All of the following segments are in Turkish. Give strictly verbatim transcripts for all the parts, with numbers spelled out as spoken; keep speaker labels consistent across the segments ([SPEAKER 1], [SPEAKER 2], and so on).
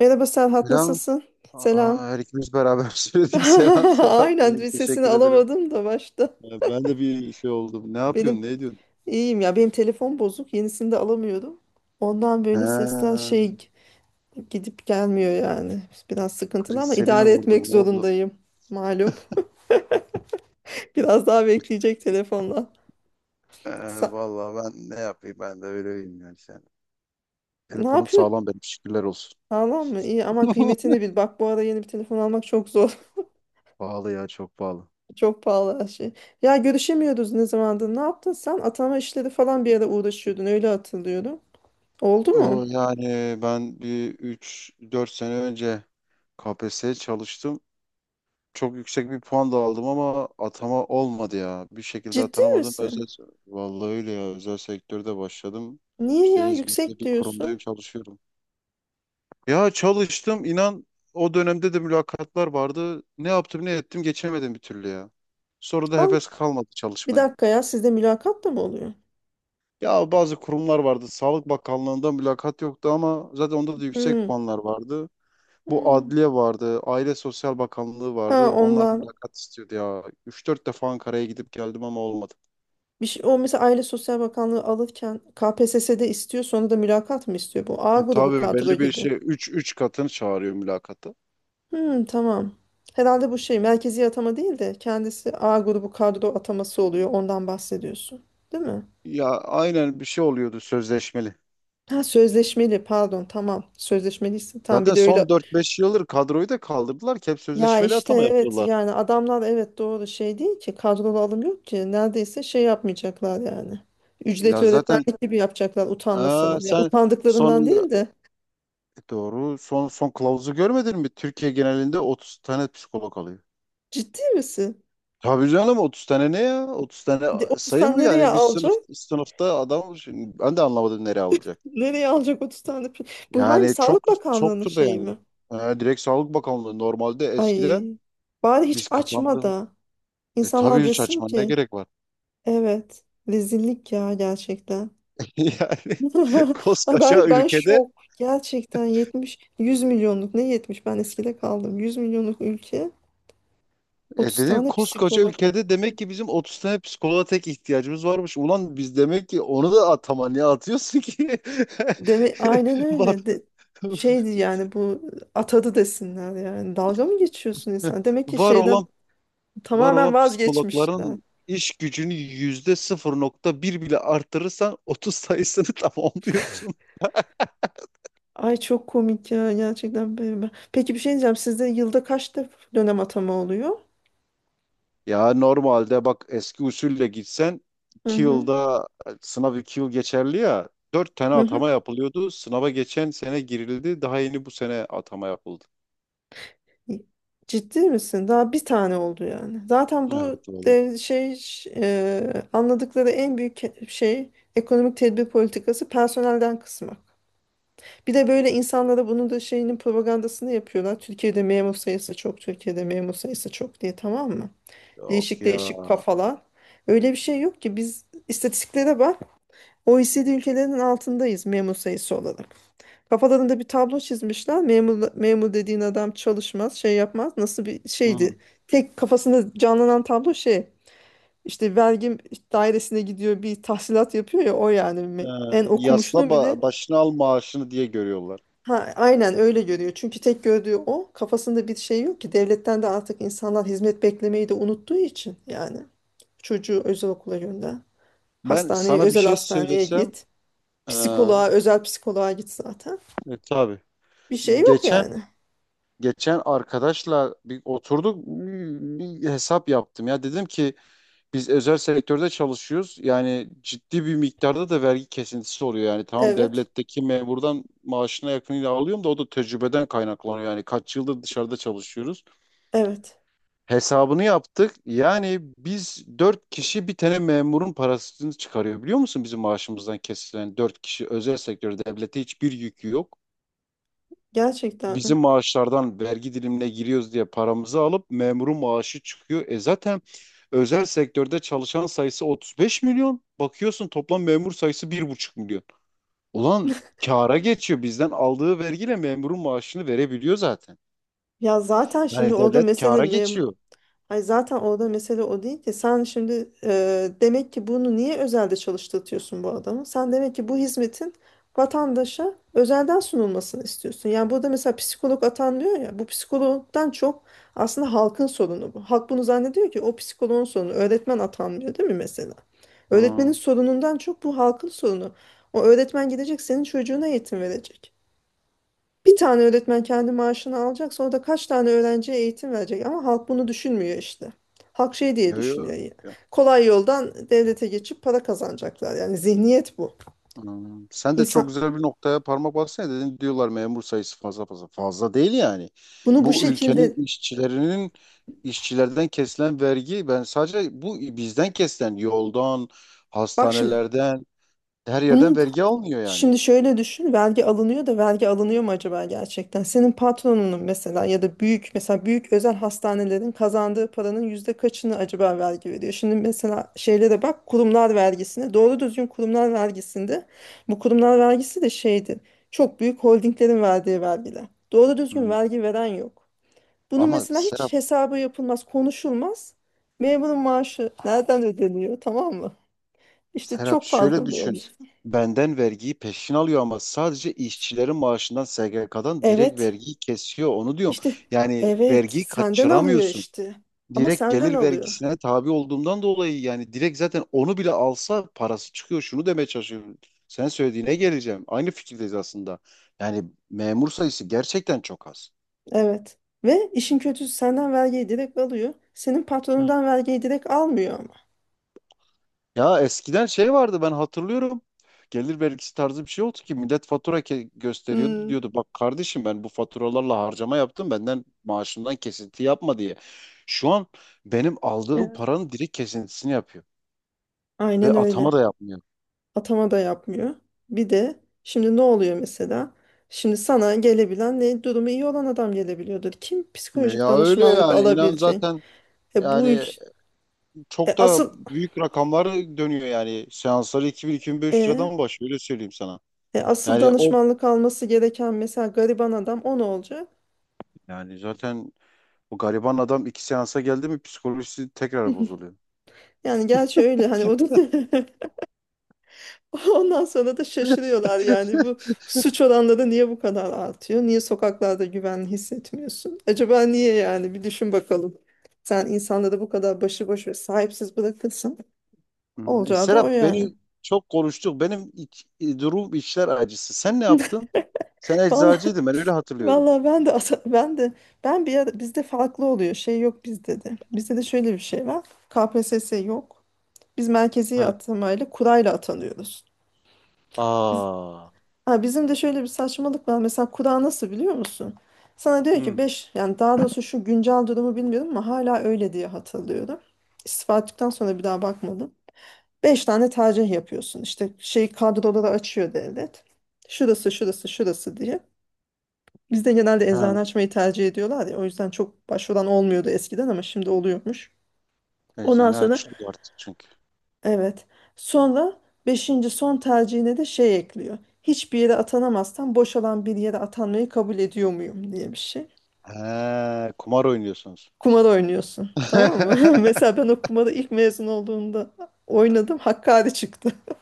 [SPEAKER 1] Merhaba Serhat,
[SPEAKER 2] Selam.
[SPEAKER 1] nasılsın?
[SPEAKER 2] Aa,
[SPEAKER 1] Selam.
[SPEAKER 2] her ikimiz beraber söyledik. Selam selam.
[SPEAKER 1] Aynen
[SPEAKER 2] İyiyim,
[SPEAKER 1] bir sesini
[SPEAKER 2] teşekkür ederim.
[SPEAKER 1] alamadım da başta.
[SPEAKER 2] Ya ben de bir şey oldum. Ne
[SPEAKER 1] Benim
[SPEAKER 2] yapıyorsun? Ne ediyorsun?
[SPEAKER 1] iyiyim ya. Benim telefon bozuk. Yenisini de alamıyorum. Ondan böyle sesler
[SPEAKER 2] Ha,
[SPEAKER 1] şey gidip gelmiyor yani. Biraz sıkıntılı
[SPEAKER 2] kriz
[SPEAKER 1] ama
[SPEAKER 2] seni mi
[SPEAKER 1] idare etmek
[SPEAKER 2] vurdun? Ne oldu?
[SPEAKER 1] zorundayım. Malum. Biraz daha bekleyecek telefonla.
[SPEAKER 2] Ee,
[SPEAKER 1] Sa-
[SPEAKER 2] vallahi ben ne yapayım? Ben de öyleyim yani sen.
[SPEAKER 1] Ne
[SPEAKER 2] Telefonum
[SPEAKER 1] yapıyor?
[SPEAKER 2] sağlam benim. Şükürler olsun.
[SPEAKER 1] Sağlam mı? İyi aman kıymetini bil. Bak bu ara yeni bir telefon almak çok zor.
[SPEAKER 2] Pahalı ya, çok pahalı.
[SPEAKER 1] Çok pahalı her şey. Ya görüşemiyoruz ne zamandır. Ne yaptın sen? Atama işleri falan bir ara uğraşıyordun. Öyle hatırlıyorum. Oldu mu?
[SPEAKER 2] O yani, ben bir üç dört sene önce K P S S çalıştım. Çok yüksek bir puan da aldım ama atama olmadı ya. Bir şekilde
[SPEAKER 1] Ciddi
[SPEAKER 2] atanamadım.
[SPEAKER 1] misin?
[SPEAKER 2] Özel, vallahi öyle ya. Özel sektörde başladım.
[SPEAKER 1] Niye ya
[SPEAKER 2] İşte İzmir'de
[SPEAKER 1] yüksek
[SPEAKER 2] bir kurumdayım,
[SPEAKER 1] diyorsun?
[SPEAKER 2] çalışıyorum. Ya çalıştım inan, o dönemde de mülakatlar vardı. Ne yaptım ne ettim geçemedim bir türlü ya. Sonra da
[SPEAKER 1] Al
[SPEAKER 2] heves kalmadı
[SPEAKER 1] bir
[SPEAKER 2] çalışmaya.
[SPEAKER 1] dakika ya, sizde mülakat da mı oluyor?
[SPEAKER 2] Ya bazı kurumlar vardı. Sağlık Bakanlığı'nda mülakat yoktu ama zaten onda da yüksek
[SPEAKER 1] Hmm.
[SPEAKER 2] puanlar vardı. Bu
[SPEAKER 1] Hmm.
[SPEAKER 2] adliye vardı, Aile Sosyal Bakanlığı
[SPEAKER 1] Ha,
[SPEAKER 2] vardı. Onlar
[SPEAKER 1] onlar
[SPEAKER 2] mülakat istiyordu ya. Üç dört defa Ankara'ya gidip geldim ama olmadı.
[SPEAKER 1] bir şey, o mesela Aile Sosyal Bakanlığı alırken K P S S'de istiyor sonra da mülakat mı istiyor bu? A
[SPEAKER 2] E,
[SPEAKER 1] grubu
[SPEAKER 2] tabii
[SPEAKER 1] kadro
[SPEAKER 2] belli bir
[SPEAKER 1] gibi.
[SPEAKER 2] şey, üç üç katını çağırıyor mülakata.
[SPEAKER 1] Hmm, tamam. Herhalde bu şey merkezi atama değil de kendisi A grubu kadro ataması oluyor, ondan bahsediyorsun. Değil mi?
[SPEAKER 2] Ya aynen, bir şey oluyordu, sözleşmeli.
[SPEAKER 1] Ha, sözleşmeli, pardon, tamam, sözleşmeliyse tamam, bir
[SPEAKER 2] Zaten
[SPEAKER 1] de öyle.
[SPEAKER 2] son dört beş yıldır kadroyu da kaldırdılar, ki hep
[SPEAKER 1] Ya
[SPEAKER 2] sözleşmeli
[SPEAKER 1] işte
[SPEAKER 2] atama
[SPEAKER 1] evet,
[SPEAKER 2] yapıyorlar.
[SPEAKER 1] yani adamlar evet, doğru, şey değil ki kadrolu alım yok ki neredeyse, şey yapmayacaklar yani. Ücretli
[SPEAKER 2] Ya zaten
[SPEAKER 1] öğretmenlik gibi yapacaklar
[SPEAKER 2] aa,
[SPEAKER 1] utanmasalar. Ya
[SPEAKER 2] sen son,
[SPEAKER 1] utandıklarından değil de
[SPEAKER 2] doğru, son son kılavuzu görmedin mi? Türkiye genelinde otuz tane psikolog alıyor.
[SPEAKER 1] ciddi misin?
[SPEAKER 2] Tabii canım, otuz tane ne ya? otuz tane
[SPEAKER 1] De, otuz
[SPEAKER 2] sayı
[SPEAKER 1] tane
[SPEAKER 2] mı
[SPEAKER 1] nereye
[SPEAKER 2] yani? Bir
[SPEAKER 1] alacak?
[SPEAKER 2] sınıf sınıfta adam, şimdi ben de anlamadım nereye alacak.
[SPEAKER 1] Nereye alacak otuz tane? pi- Bu hangi
[SPEAKER 2] Yani çok
[SPEAKER 1] Sağlık Bakanlığı'nın
[SPEAKER 2] çoktur da
[SPEAKER 1] şeyi
[SPEAKER 2] yani.
[SPEAKER 1] mi?
[SPEAKER 2] Ee, direkt Sağlık Bakanlığı, normalde
[SPEAKER 1] Ay,
[SPEAKER 2] eskiden
[SPEAKER 1] bari hiç
[SPEAKER 2] biz
[SPEAKER 1] açma
[SPEAKER 2] kazandık.
[SPEAKER 1] da
[SPEAKER 2] E
[SPEAKER 1] insanlar
[SPEAKER 2] tabii, hiç
[SPEAKER 1] desin
[SPEAKER 2] açma, ne
[SPEAKER 1] ki,
[SPEAKER 2] gerek var?
[SPEAKER 1] evet, rezillik ya gerçekten.
[SPEAKER 2] Yani
[SPEAKER 1] Ben
[SPEAKER 2] koskoca
[SPEAKER 1] ben
[SPEAKER 2] ülkede,
[SPEAKER 1] şok. Gerçekten yetmiş yüz milyonluk, ne yetmiş, ben eskide kaldım. yüz milyonluk ülke
[SPEAKER 2] e
[SPEAKER 1] otuz
[SPEAKER 2] dedim
[SPEAKER 1] tane
[SPEAKER 2] koskoca
[SPEAKER 1] psikolog.
[SPEAKER 2] ülkede demek ki bizim otuz tane psikoloğa tek ihtiyacımız varmış. Ulan biz demek ki, onu da atama, niye atıyorsun ki?
[SPEAKER 1] Deme aynen
[SPEAKER 2] Var,
[SPEAKER 1] öyle. De, şeydi yani bu atadı desinler yani. Dalga mı geçiyorsun insan? Demek ki
[SPEAKER 2] var
[SPEAKER 1] şeyden
[SPEAKER 2] olan Var
[SPEAKER 1] tamamen
[SPEAKER 2] olan
[SPEAKER 1] vazgeçmişler.
[SPEAKER 2] psikologların iş gücünü yüzde sıfır nokta bir bile artırırsan otuz sayısını tamamlıyorsun.
[SPEAKER 1] Ay çok komik ya gerçekten. Böyle. Peki bir şey diyeceğim. Sizde yılda kaç def- dönem atama oluyor?
[SPEAKER 2] Ya normalde bak, eski usulle gitsen
[SPEAKER 1] Hı
[SPEAKER 2] iki
[SPEAKER 1] hı.
[SPEAKER 2] yılda, sınav iki yıl geçerli ya, dört tane
[SPEAKER 1] Hı hı.
[SPEAKER 2] atama yapılıyordu. Sınava geçen sene girildi. Daha yeni bu sene atama yapıldı.
[SPEAKER 1] Ciddi misin? Daha bir tane oldu yani. Zaten bu
[SPEAKER 2] Evet oğlum.
[SPEAKER 1] de- şey, ş- e, anladıkları en büyük ke- şey, ekonomik tedbir politikası personelden kısmak. Bir de böyle insanlara bunun da şeyinin propagandasını yapıyorlar. Türkiye'de memur sayısı çok, Türkiye'de memur sayısı çok diye, tamam mı?
[SPEAKER 2] Yok
[SPEAKER 1] Değişik
[SPEAKER 2] ya.
[SPEAKER 1] değişik kafalar. Öyle bir şey yok ki, biz istatistiklere bak. O OECD ülkelerinin altındayız memur sayısı olarak. Kafalarında bir tablo çizmişler. Memur, memur dediğin adam çalışmaz, şey yapmaz. Nasıl bir şeydi?
[SPEAKER 2] Hı.
[SPEAKER 1] Tek kafasında canlanan tablo şey. İşte vergi dairesine gidiyor bir tahsilat yapıyor ya, o yani,
[SPEAKER 2] Ee,
[SPEAKER 1] Me- en
[SPEAKER 2] Yasla
[SPEAKER 1] okumuşunu bile,
[SPEAKER 2] ba- başına al maaşını diye görüyorlar.
[SPEAKER 1] ha, aynen öyle görüyor. Çünkü tek gördüğü o, kafasında bir şey yok ki, devletten de artık insanlar hizmet beklemeyi de unuttuğu için yani, çocuğu özel okula gönder.
[SPEAKER 2] Ben
[SPEAKER 1] Hastaneye,
[SPEAKER 2] sana bir
[SPEAKER 1] özel
[SPEAKER 2] şey
[SPEAKER 1] hastaneye
[SPEAKER 2] söylesem
[SPEAKER 1] git.
[SPEAKER 2] ee,
[SPEAKER 1] Psikoloğa, özel psikoloğa git zaten.
[SPEAKER 2] e, tabii.
[SPEAKER 1] Bir şey yok
[SPEAKER 2] Geçen
[SPEAKER 1] yani.
[SPEAKER 2] Geçen arkadaşla bir oturduk, bir hesap yaptım ya, dedim ki biz özel sektörde çalışıyoruz, yani ciddi bir miktarda da vergi kesintisi oluyor. Yani tamam,
[SPEAKER 1] Evet.
[SPEAKER 2] devletteki memurdan maaşına yakınıyla alıyorum da o da tecrübeden kaynaklanıyor, yani kaç yıldır dışarıda çalışıyoruz.
[SPEAKER 1] Evet.
[SPEAKER 2] Hesabını yaptık. Yani biz dört kişi bir tane memurun parasını çıkarıyor, biliyor musun, bizim maaşımızdan kesilen. Dört kişi özel sektörde, devlete hiçbir yükü yok,
[SPEAKER 1] Gerçekten mi?
[SPEAKER 2] bizim maaşlardan vergi dilimine giriyoruz diye paramızı alıp memurun maaşı çıkıyor. E zaten özel sektörde çalışan sayısı 35 milyon. Bakıyorsun, toplam memur sayısı bir buçuk milyon. Ulan kâra geçiyor. Bizden aldığı vergiyle memurun maaşını verebiliyor zaten.
[SPEAKER 1] Ya zaten şimdi
[SPEAKER 2] Yani
[SPEAKER 1] orada
[SPEAKER 2] devlet
[SPEAKER 1] mesele
[SPEAKER 2] kâra
[SPEAKER 1] mem
[SPEAKER 2] geçiyor.
[SPEAKER 1] Ay, zaten orada mesele o değil ki. Sen şimdi, e, demek ki bunu niye özelde çalıştırtıyorsun bu adamı? Sen demek ki bu hizmetin vatandaşa özelden sunulmasını istiyorsun. Yani burada mesela psikolog atanıyor ya. Bu psikologdan çok aslında halkın sorunu bu. Halk bunu zannediyor ki o psikoloğun sorunu. Öğretmen atanmıyor değil mi mesela? Öğretmenin
[SPEAKER 2] Ha.
[SPEAKER 1] sorunundan çok bu halkın sorunu. O öğretmen gidecek senin çocuğuna eğitim verecek. Bir tane öğretmen kendi maaşını alacak, sonra da kaç tane öğrenciye eğitim verecek, ama halk bunu düşünmüyor işte. Halk şey diye
[SPEAKER 2] Yo, yo.
[SPEAKER 1] düşünüyor ya. Kolay yoldan devlete geçip para kazanacaklar. Yani zihniyet bu.
[SPEAKER 2] Hmm, sen de çok
[SPEAKER 1] İnsan
[SPEAKER 2] güzel bir noktaya parmak bassana, dedin. Diyorlar memur sayısı fazla, fazla fazla, değil yani.
[SPEAKER 1] bunu bu
[SPEAKER 2] Bu ülkenin
[SPEAKER 1] şekilde...
[SPEAKER 2] işçilerinin işçilerden kesilen vergi, ben sadece bu bizden kesilen, yoldan,
[SPEAKER 1] Bak şimdi
[SPEAKER 2] hastanelerden, her yerden
[SPEAKER 1] bunun...
[SPEAKER 2] vergi almıyor yani.
[SPEAKER 1] Şimdi şöyle düşün, vergi alınıyor da vergi alınıyor mu acaba gerçekten? Senin patronunun mesela, ya da büyük, mesela büyük özel hastanelerin kazandığı paranın yüzde kaçını acaba vergi veriyor? Şimdi mesela şeylere bak, kurumlar vergisine, doğru düzgün kurumlar vergisinde, bu kurumlar vergisi de şeydi, çok büyük holdinglerin verdiği vergiler. Doğru düzgün
[SPEAKER 2] Hmm.
[SPEAKER 1] vergi veren yok. Bunun
[SPEAKER 2] Ama
[SPEAKER 1] mesela
[SPEAKER 2] Serap
[SPEAKER 1] hiç hesabı yapılmaz, konuşulmaz. Memurun maaşı nereden ödeniyor, tamam mı? İşte
[SPEAKER 2] Serap
[SPEAKER 1] çok
[SPEAKER 2] şöyle
[SPEAKER 1] fazla bir olmuş.
[SPEAKER 2] düşün. Benden vergiyi peşin alıyor ama sadece işçilerin maaşından, S G K'dan direkt
[SPEAKER 1] Evet.
[SPEAKER 2] vergiyi kesiyor, onu diyorum.
[SPEAKER 1] İşte
[SPEAKER 2] Yani
[SPEAKER 1] evet,
[SPEAKER 2] vergiyi
[SPEAKER 1] senden alıyor
[SPEAKER 2] kaçıramıyorsun.
[SPEAKER 1] işte. Ama
[SPEAKER 2] Direkt
[SPEAKER 1] senden
[SPEAKER 2] gelir
[SPEAKER 1] alıyor.
[SPEAKER 2] vergisine tabi olduğumdan dolayı yani direkt, zaten onu bile alsa parası çıkıyor. Şunu demeye çalışıyorum. Sen söylediğine geleceğim. Aynı fikirdeyiz aslında. Yani memur sayısı gerçekten çok az.
[SPEAKER 1] Evet. Ve işin kötüsü senden vergiyi direkt alıyor. Senin
[SPEAKER 2] Hı.
[SPEAKER 1] patronundan vergiyi direkt almıyor ama.
[SPEAKER 2] Ya eskiden şey vardı, ben hatırlıyorum. Gelir vergisi tarzı bir şey oldu ki millet fatura ke- gösteriyordu,
[SPEAKER 1] Hmm,
[SPEAKER 2] diyordu, bak kardeşim, ben bu faturalarla harcama yaptım, benden maaşımdan kesinti yapma diye. Şu an benim aldığım
[SPEAKER 1] evet.
[SPEAKER 2] paranın direkt kesintisini yapıyor ve
[SPEAKER 1] Aynen öyle.
[SPEAKER 2] atama da yapmıyor.
[SPEAKER 1] Atama da yapmıyor. Bir de şimdi ne oluyor mesela? Şimdi sana gelebilen, ne, durumu iyi olan adam gelebiliyordur. Kim psikolojik
[SPEAKER 2] Ya öyle
[SPEAKER 1] danışmanlık
[SPEAKER 2] yani, inan
[SPEAKER 1] alabilecek?
[SPEAKER 2] zaten.
[SPEAKER 1] E bu
[SPEAKER 2] Yani
[SPEAKER 1] ülke, e,
[SPEAKER 2] çok da
[SPEAKER 1] asıl
[SPEAKER 2] büyük rakamlar dönüyor yani. Seansları iki bin-iki bin beş yüz
[SPEAKER 1] e,
[SPEAKER 2] liradan başlıyor, öyle söyleyeyim sana.
[SPEAKER 1] e, asıl
[SPEAKER 2] Yani o,
[SPEAKER 1] danışmanlık alması gereken mesela gariban adam, o ne olacak?
[SPEAKER 2] yani zaten bu gariban adam iki seansa geldi mi psikolojisi tekrar bozuluyor.
[SPEAKER 1] Yani gerçi öyle hani o... Ondan sonra da şaşırıyorlar yani, bu suç oranları niye bu kadar artıyor? Niye sokaklarda güven hissetmiyorsun? Acaba niye, yani bir düşün bakalım. Sen insanları bu kadar başıboş ve sahipsiz bırakırsın.
[SPEAKER 2] Hmm, e,
[SPEAKER 1] Olacağı da o
[SPEAKER 2] Serap,
[SPEAKER 1] yani.
[SPEAKER 2] beni çok konuştuk. Benim iç- e, durum içler acısı. Sen ne yaptın? Sen
[SPEAKER 1] Vallahi
[SPEAKER 2] eczacıydın, ben öyle hatırlıyorum.
[SPEAKER 1] vallahi ben de asa- ben de ben bir ara bizde farklı oluyor. Şey yok bizde de. Bizde de şöyle bir şey var. K P S S yok. Biz merkezi
[SPEAKER 2] Ha.
[SPEAKER 1] atamayla kurayla atanıyoruz.
[SPEAKER 2] Aa.
[SPEAKER 1] Ha, bizim de şöyle bir saçmalık var. Mesela kura nasıl biliyor musun? Sana diyor ki
[SPEAKER 2] Hı.
[SPEAKER 1] beş, yani daha doğrusu şu güncel durumu bilmiyorum ama hala öyle diye hatırlıyorum. İstifa ettikten sonra bir daha bakmadım. Beş tane tercih yapıyorsun. İşte şey kadroları açıyor devlet. Şurası, şurası, şurası diye. Bizde genelde
[SPEAKER 2] Ha.
[SPEAKER 1] eczane açmayı tercih ediyorlar ya. O yüzden çok başvuran olmuyordu eskiden ama şimdi oluyormuş. Ondan
[SPEAKER 2] Eczane
[SPEAKER 1] sonra...
[SPEAKER 2] açılıyor artık çünkü.
[SPEAKER 1] Evet. Sonra beşinci son tercihine de şey ekliyor. Hiçbir yere atanamazsan boşalan bir yere atanmayı kabul ediyor muyum diye bir şey.
[SPEAKER 2] He, kumar oynuyorsunuz.
[SPEAKER 1] Kumar oynuyorsun. Tamam mı? Mesela ben o kumarı ilk mezun olduğumda oynadım. Hakkari çıktı.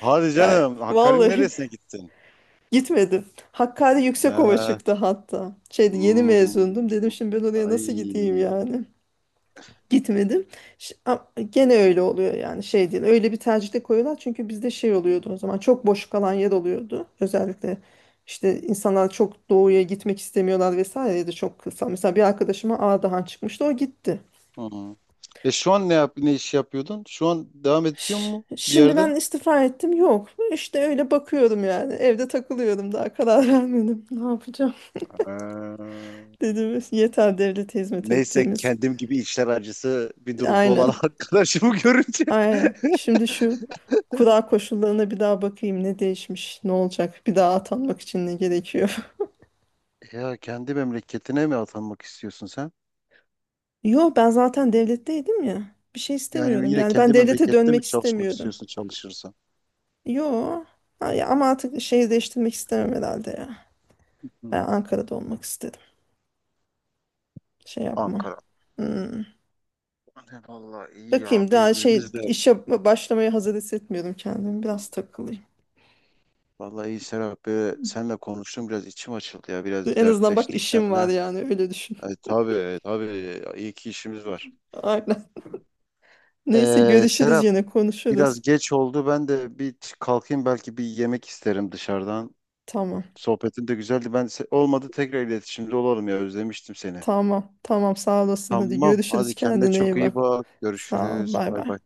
[SPEAKER 2] Hadi
[SPEAKER 1] Yani
[SPEAKER 2] canım, Hakkari'nin
[SPEAKER 1] vallahi
[SPEAKER 2] neresine gittin?
[SPEAKER 1] gitmedim. Hakkari Yüksekova
[SPEAKER 2] He.
[SPEAKER 1] çıktı hatta. Şeydi, yeni
[SPEAKER 2] Hmm,
[SPEAKER 1] mezundum. Dedim şimdi ben oraya nasıl gideyim
[SPEAKER 2] ay.
[SPEAKER 1] yani. Gitmedim. Ş- a- Gene öyle oluyor yani, şey değil. Öyle bir tercihte koyuyorlar çünkü bizde şey oluyordu o zaman, çok boş kalan yer oluyordu. Özellikle işte insanlar çok doğuya gitmek istemiyorlar vesaire, ya da çok kısa. Mesela bir arkadaşıma Ağdahan çıkmıştı, o gitti.
[SPEAKER 2] Hmm. E, şu an ne yap ne iş yapıyordun? Şu an devam ediyor
[SPEAKER 1] Ş-
[SPEAKER 2] mu bir
[SPEAKER 1] Şimdi
[SPEAKER 2] yerde?
[SPEAKER 1] ben istifa ettim yok. İşte öyle bakıyorum yani, evde takılıyorum, daha karar vermedim. Ne yapacağım
[SPEAKER 2] Ha.
[SPEAKER 1] dedim, yeter devlete hizmet
[SPEAKER 2] Neyse,
[SPEAKER 1] ettiğimiz.
[SPEAKER 2] kendim gibi işler acısı bir durumda olan
[SPEAKER 1] Aynen.
[SPEAKER 2] arkadaşımı görünce.
[SPEAKER 1] Aynen. Şimdi şu kura koşullarına bir daha bakayım, ne değişmiş, ne olacak, bir daha atanmak için ne gerekiyor.
[SPEAKER 2] Ya, kendi memleketine mi atanmak istiyorsun sen?
[SPEAKER 1] Yo, ben zaten devletteydim ya. Bir şey
[SPEAKER 2] Yani
[SPEAKER 1] istemiyordum.
[SPEAKER 2] yine
[SPEAKER 1] Yani ben
[SPEAKER 2] kendi
[SPEAKER 1] devlete
[SPEAKER 2] memlekette mi
[SPEAKER 1] dönmek
[SPEAKER 2] çalışmak
[SPEAKER 1] istemiyordum.
[SPEAKER 2] istiyorsun, çalışırsan?
[SPEAKER 1] Yo. Ha, ya ama artık şehir değiştirmek istemem herhalde ya. Ben
[SPEAKER 2] Hmm.
[SPEAKER 1] Ankara'da olmak istedim. Şey yapmam.
[SPEAKER 2] Ankara.
[SPEAKER 1] Hmm.
[SPEAKER 2] Ne Vallahi iyi ya,
[SPEAKER 1] Bakayım, daha şey,
[SPEAKER 2] birbirimiz de.
[SPEAKER 1] işe başlamaya hazır hissetmiyorum kendimi. Biraz takılayım.
[SPEAKER 2] Vallahi iyi Serap. Böyle seninle konuştum, biraz içim açıldı ya. Biraz
[SPEAKER 1] En azından bak
[SPEAKER 2] dertleştik
[SPEAKER 1] işim var
[SPEAKER 2] seninle.
[SPEAKER 1] yani, öyle düşün.
[SPEAKER 2] E, tabii tabii, iyi ki işimiz var.
[SPEAKER 1] Aynen. Neyse,
[SPEAKER 2] Ee,
[SPEAKER 1] görüşürüz,
[SPEAKER 2] Serap,
[SPEAKER 1] yine konuşuruz.
[SPEAKER 2] biraz geç oldu. Ben de bir t- kalkayım, belki bir yemek isterim dışarıdan.
[SPEAKER 1] Tamam.
[SPEAKER 2] Sohbetin de güzeldi. Ben se- olmadı, tekrar iletişimde olalım ya, özlemiştim seni.
[SPEAKER 1] Tamam, tamam sağ olasın. Hadi
[SPEAKER 2] Tamam,
[SPEAKER 1] görüşürüz.
[SPEAKER 2] hadi kendine
[SPEAKER 1] Kendine
[SPEAKER 2] çok
[SPEAKER 1] iyi
[SPEAKER 2] iyi
[SPEAKER 1] bak.
[SPEAKER 2] bak.
[SPEAKER 1] Sağ ol.
[SPEAKER 2] Görüşürüz.
[SPEAKER 1] Bay
[SPEAKER 2] Bay
[SPEAKER 1] bay.
[SPEAKER 2] bay.